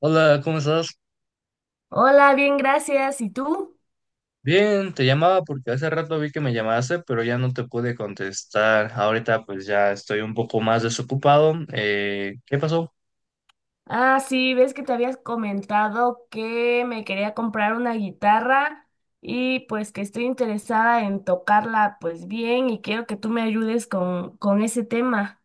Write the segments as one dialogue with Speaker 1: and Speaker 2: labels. Speaker 1: Hola, ¿cómo estás?
Speaker 2: Hola, bien, gracias. ¿Y tú?
Speaker 1: Bien, te llamaba porque hace rato vi que me llamaste, pero ya no te pude contestar. Ahorita pues ya estoy un poco más desocupado. ¿Qué pasó?
Speaker 2: Ah, sí, ves que te habías comentado que me quería comprar una guitarra y pues que estoy interesada en tocarla pues bien y quiero que tú me ayudes con ese tema.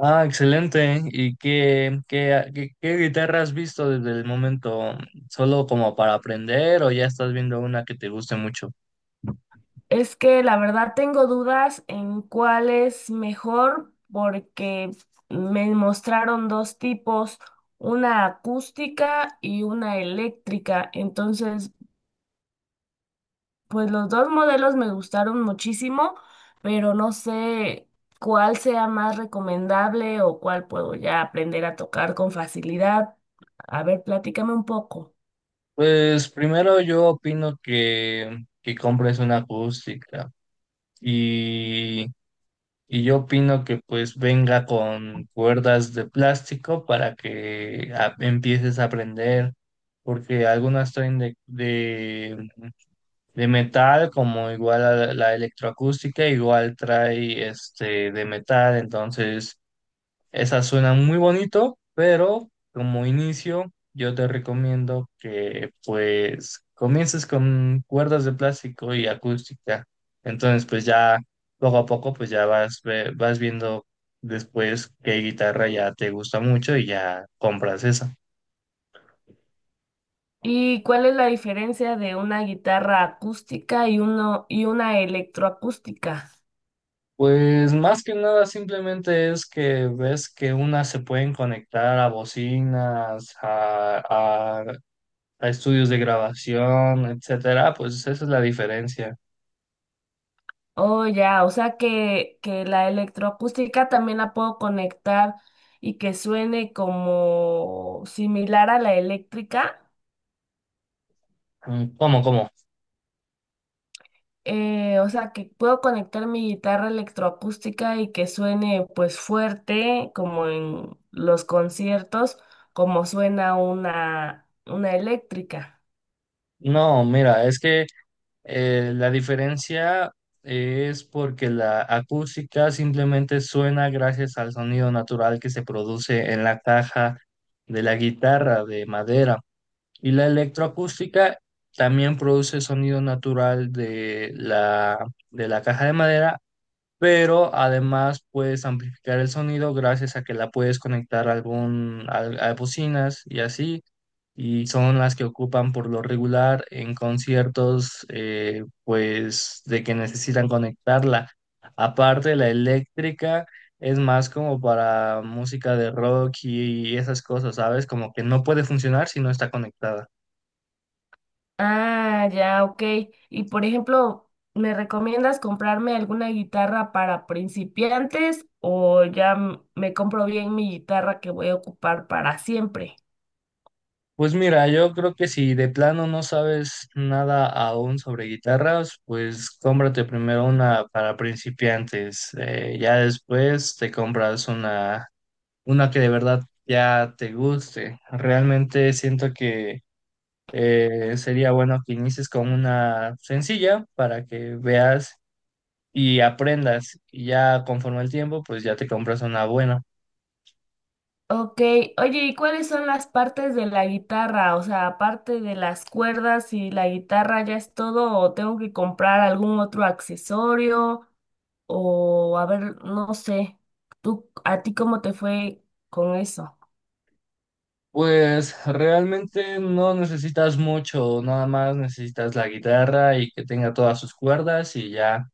Speaker 1: Ah, excelente. ¿Y qué guitarra has visto desde el momento? ¿Solo como para aprender o ya estás viendo una que te guste mucho?
Speaker 2: Es que la verdad tengo dudas en cuál es mejor porque me mostraron dos tipos, una acústica y una eléctrica. Entonces pues los dos modelos me gustaron muchísimo, pero no sé cuál sea más recomendable o cuál puedo ya aprender a tocar con facilidad. A ver, platícame un poco.
Speaker 1: Pues primero yo opino que compres una acústica. Y yo opino que pues venga con cuerdas de plástico para que empieces a aprender, porque algunas traen de metal, como igual a la electroacústica, igual trae este de metal, entonces esa suena muy bonito, pero como inicio yo te recomiendo que pues comiences con cuerdas de plástico y acústica. Entonces pues ya poco a poco pues ya vas viendo después qué guitarra ya te gusta mucho y ya compras esa.
Speaker 2: ¿Y cuál es la diferencia de una guitarra acústica y uno y una electroacústica?
Speaker 1: Pues más que nada simplemente es que ves que unas se pueden conectar a bocinas, a estudios de grabación, etcétera, pues esa es la diferencia.
Speaker 2: Oh, ya, o sea que la electroacústica también la puedo conectar y que suene como similar a la eléctrica.
Speaker 1: Mm, ¿cómo, cómo?
Speaker 2: O sea, que puedo conectar mi guitarra electroacústica y que suene pues fuerte, como en los conciertos, como suena una eléctrica.
Speaker 1: No, mira, es que la diferencia es porque la acústica simplemente suena gracias al sonido natural que se produce en la caja de la guitarra de madera. Y la electroacústica también produce sonido natural de de la caja de madera, pero además puedes amplificar el sonido gracias a que la puedes conectar a bocinas y así, y son las que ocupan por lo regular en conciertos, pues de que necesitan conectarla. Aparte, la eléctrica es más como para música de rock y esas cosas, ¿sabes? Como que no puede funcionar si no está conectada.
Speaker 2: Ah, ya, ok. Y por ejemplo, ¿me recomiendas comprarme alguna guitarra para principiantes o ya me compro bien mi guitarra que voy a ocupar para siempre?
Speaker 1: Pues mira, yo creo que si de plano no sabes nada aún sobre guitarras, pues cómprate primero una para principiantes. Ya después te compras una que de verdad ya te guste. Realmente siento que sería bueno que inicies con una sencilla para que veas y aprendas. Y ya conforme el tiempo, pues ya te compras una buena.
Speaker 2: Ok, oye, ¿y cuáles son las partes de la guitarra? O sea, aparte de las cuerdas y la guitarra, ¿ya es todo? ¿O tengo que comprar algún otro accesorio? O a ver, no sé, tú, ¿a ti cómo te fue con eso?
Speaker 1: Pues realmente no necesitas mucho, nada más necesitas la guitarra y que tenga todas sus cuerdas y ya.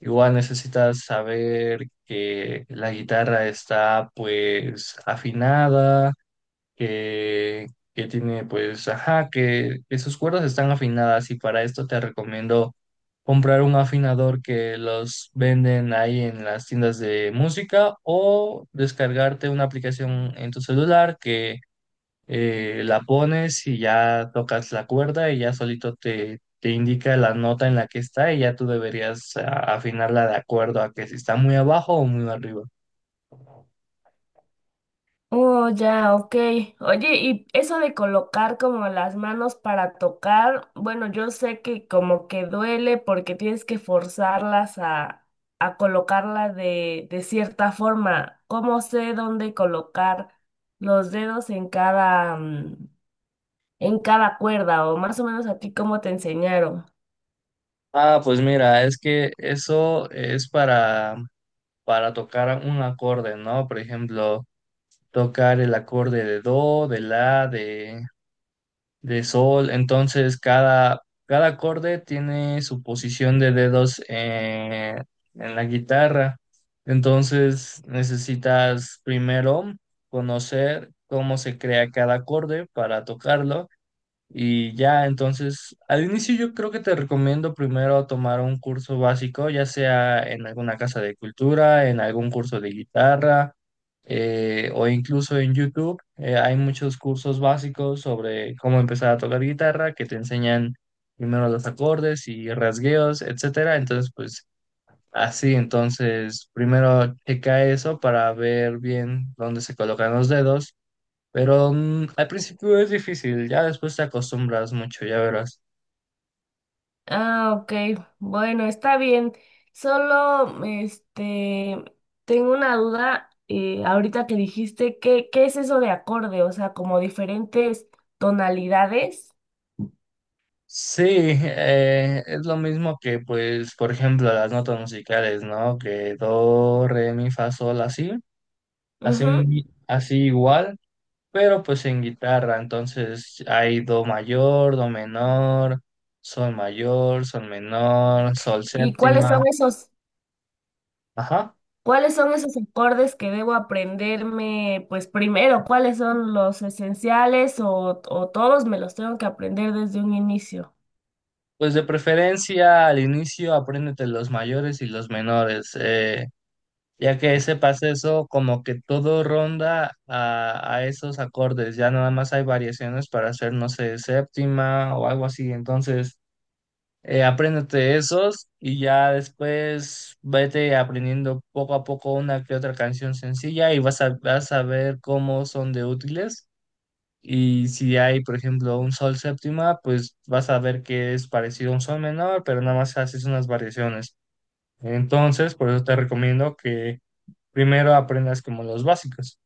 Speaker 1: Igual necesitas saber que la guitarra está pues afinada, que, que tiene pues, ajá, que sus cuerdas están afinadas y para esto te recomiendo comprar un afinador que los venden ahí en las tiendas de música o descargarte una aplicación en tu celular que la pones y ya tocas la cuerda y ya solito te indica la nota en la que está y ya tú deberías afinarla de acuerdo a que si está muy abajo o muy arriba.
Speaker 2: Oh, ya, ok. Oye, y eso de colocar como las manos para tocar, bueno, yo sé que como que duele porque tienes que forzarlas a colocarla de cierta forma. ¿Cómo sé dónde colocar los dedos en cada, en cada cuerda? O más o menos a ti, ¿cómo te enseñaron?
Speaker 1: Ah, pues mira, es que eso es para tocar un acorde, ¿no? Por ejemplo, tocar el acorde de do, de la, de sol. Entonces, cada acorde tiene su posición de dedos en la guitarra. Entonces, necesitas primero conocer cómo se crea cada acorde para tocarlo. Y ya, entonces, al inicio yo creo que te recomiendo primero tomar un curso básico, ya sea en alguna casa de cultura, en algún curso de guitarra, o incluso en YouTube. Hay muchos cursos básicos sobre cómo empezar a tocar guitarra que te enseñan primero los acordes y rasgueos, etcétera. Entonces, pues así, entonces, primero checa eso para ver bien dónde se colocan los dedos, pero al principio es difícil, ya después te acostumbras mucho, ya verás.
Speaker 2: Ah, ok. Bueno, está bien. Solo, tengo una duda, ahorita que dijiste, ¿qué es eso de acorde? O sea, como diferentes tonalidades.
Speaker 1: Sí, es lo mismo que, pues, por ejemplo, las notas musicales, ¿no? Que do, re, mi, fa, sol, así,
Speaker 2: Ujú.
Speaker 1: así igual, pero pues en guitarra, entonces hay do mayor, do menor, sol mayor, sol menor, sol
Speaker 2: ¿Y cuáles
Speaker 1: séptima,
Speaker 2: son
Speaker 1: ajá.
Speaker 2: cuáles son esos acordes que debo aprenderme, pues primero, cuáles son los esenciales o todos me los tengo que aprender desde un inicio?
Speaker 1: Pues de preferencia al inicio apréndete los mayores y los menores. Ya que ese pase eso, como que todo ronda a esos acordes, ya nada más hay variaciones para hacer, no sé, séptima o algo así. Entonces, apréndete esos y ya después vete aprendiendo poco a poco una que otra canción sencilla y vas a ver cómo son de útiles. Y si hay, por ejemplo, un sol séptima, pues vas a ver que es parecido a un sol menor, pero nada más haces unas variaciones. Entonces, por eso te recomiendo que primero aprendas como los básicos.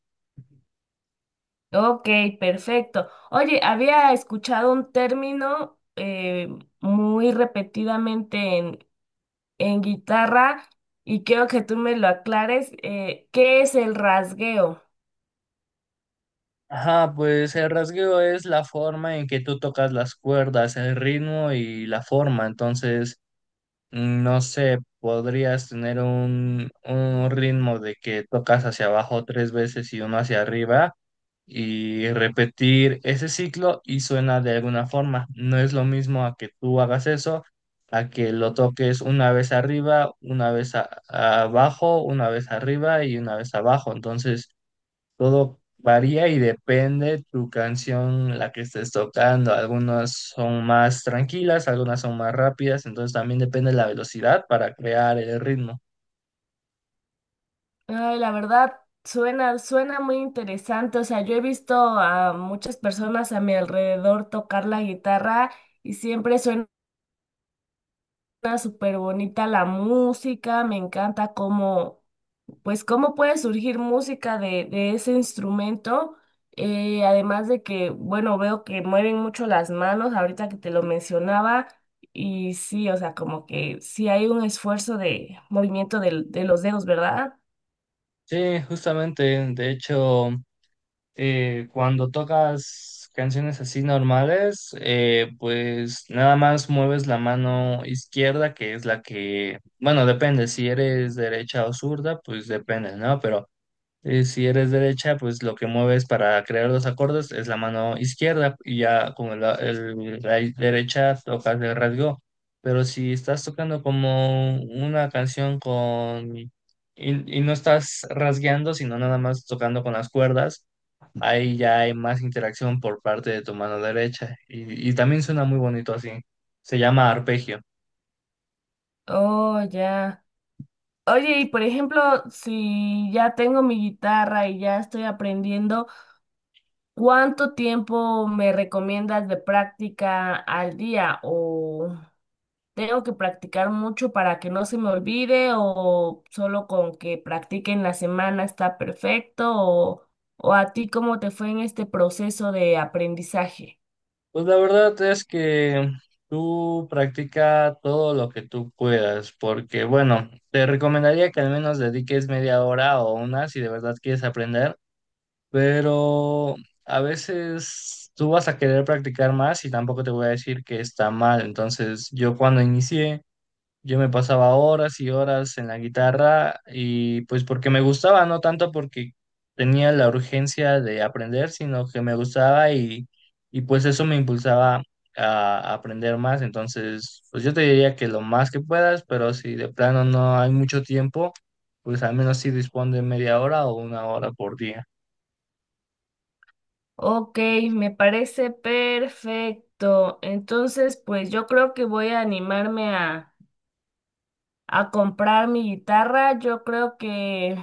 Speaker 2: Ok, perfecto. Oye, había escuchado un término muy repetidamente en guitarra y quiero que tú me lo aclares. ¿Qué es el rasgueo?
Speaker 1: Ajá, pues el rasgueo es la forma en que tú tocas las cuerdas, el ritmo y la forma. Entonces, no sé, podrías tener un ritmo de que tocas hacia abajo tres veces y uno hacia arriba y repetir ese ciclo y suena de alguna forma. No es lo mismo a que tú hagas eso, a que lo toques una vez arriba, una vez abajo, una vez arriba y una vez abajo. Entonces, todo varía y depende tu canción, la que estés tocando. Algunas son más tranquilas, algunas son más rápidas, entonces también depende la velocidad para crear el ritmo.
Speaker 2: Ay, la verdad, suena muy interesante. O sea, yo he visto a muchas personas a mi alrededor tocar la guitarra y siempre suena súper bonita la música. Me encanta cómo pues cómo puede surgir música de ese instrumento. Además de que, bueno, veo que mueven mucho las manos, ahorita que te lo mencionaba, y sí, o sea, como que sí hay un esfuerzo de movimiento los dedos, ¿verdad?
Speaker 1: Sí, justamente, de hecho, cuando tocas canciones así normales, pues nada más mueves la mano izquierda, que es la que, bueno, depende, si eres derecha o zurda, pues depende, ¿no? Pero si eres derecha, pues lo que mueves para crear los acordes es la mano izquierda y ya con la, la derecha tocas el rasgo. Pero si estás tocando como una canción y no estás rasgueando, sino nada más tocando con las cuerdas, ahí ya hay más interacción por parte de tu mano derecha y también suena muy bonito así. Se llama arpegio.
Speaker 2: Oh, ya. Oye, y por ejemplo, si ya tengo mi guitarra y ya estoy aprendiendo, ¿cuánto tiempo me recomiendas de práctica al día? O... tengo que practicar mucho para que no se me olvide o solo con que practique en la semana está perfecto o a ti cómo te fue en este proceso de aprendizaje.
Speaker 1: Pues la verdad es que tú practica todo lo que tú puedas, porque bueno, te recomendaría que al menos dediques media hora o una si de verdad quieres aprender, pero a veces tú vas a querer practicar más y tampoco te voy a decir que está mal. Entonces, yo cuando inicié yo me pasaba horas y horas en la guitarra y pues porque me gustaba, no tanto porque tenía la urgencia de aprender, sino que me gustaba y pues eso me impulsaba a aprender más. Entonces, pues yo te diría que lo más que puedas, pero si de plano no hay mucho tiempo, pues al menos sí dispón de media hora o una hora por día.
Speaker 2: Ok, me parece perfecto. Entonces, pues yo creo que voy a animarme a comprar mi guitarra. Yo creo que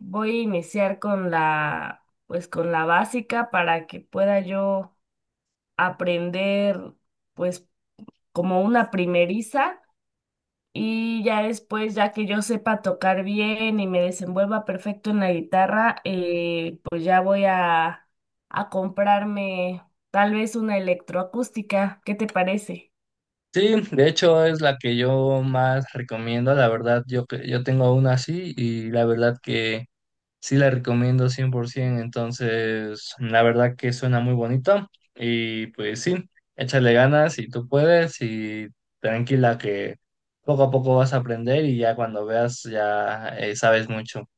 Speaker 2: voy a iniciar con la, pues con la básica para que pueda yo aprender pues como una primeriza y ya después, ya que yo sepa tocar bien y me desenvuelva perfecto en la guitarra, pues ya voy a comprarme tal vez una electroacústica. ¿Qué te parece?
Speaker 1: Sí, de hecho es la que yo más recomiendo, la verdad, que yo tengo una así y la verdad que... Sí, la recomiendo 100%, entonces la verdad que suena muy bonito y pues sí, échale ganas si tú puedes y tranquila que poco a poco vas a aprender y ya cuando veas ya sabes mucho.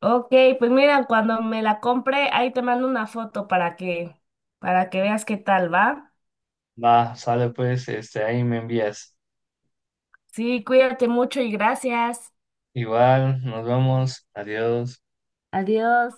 Speaker 2: Ok, pues mira, cuando me la compre, ahí te mando una foto para que veas qué tal va.
Speaker 1: Va, sale pues, este, ahí me envías.
Speaker 2: Sí, cuídate mucho y gracias.
Speaker 1: Igual, nos vemos, adiós.
Speaker 2: Adiós.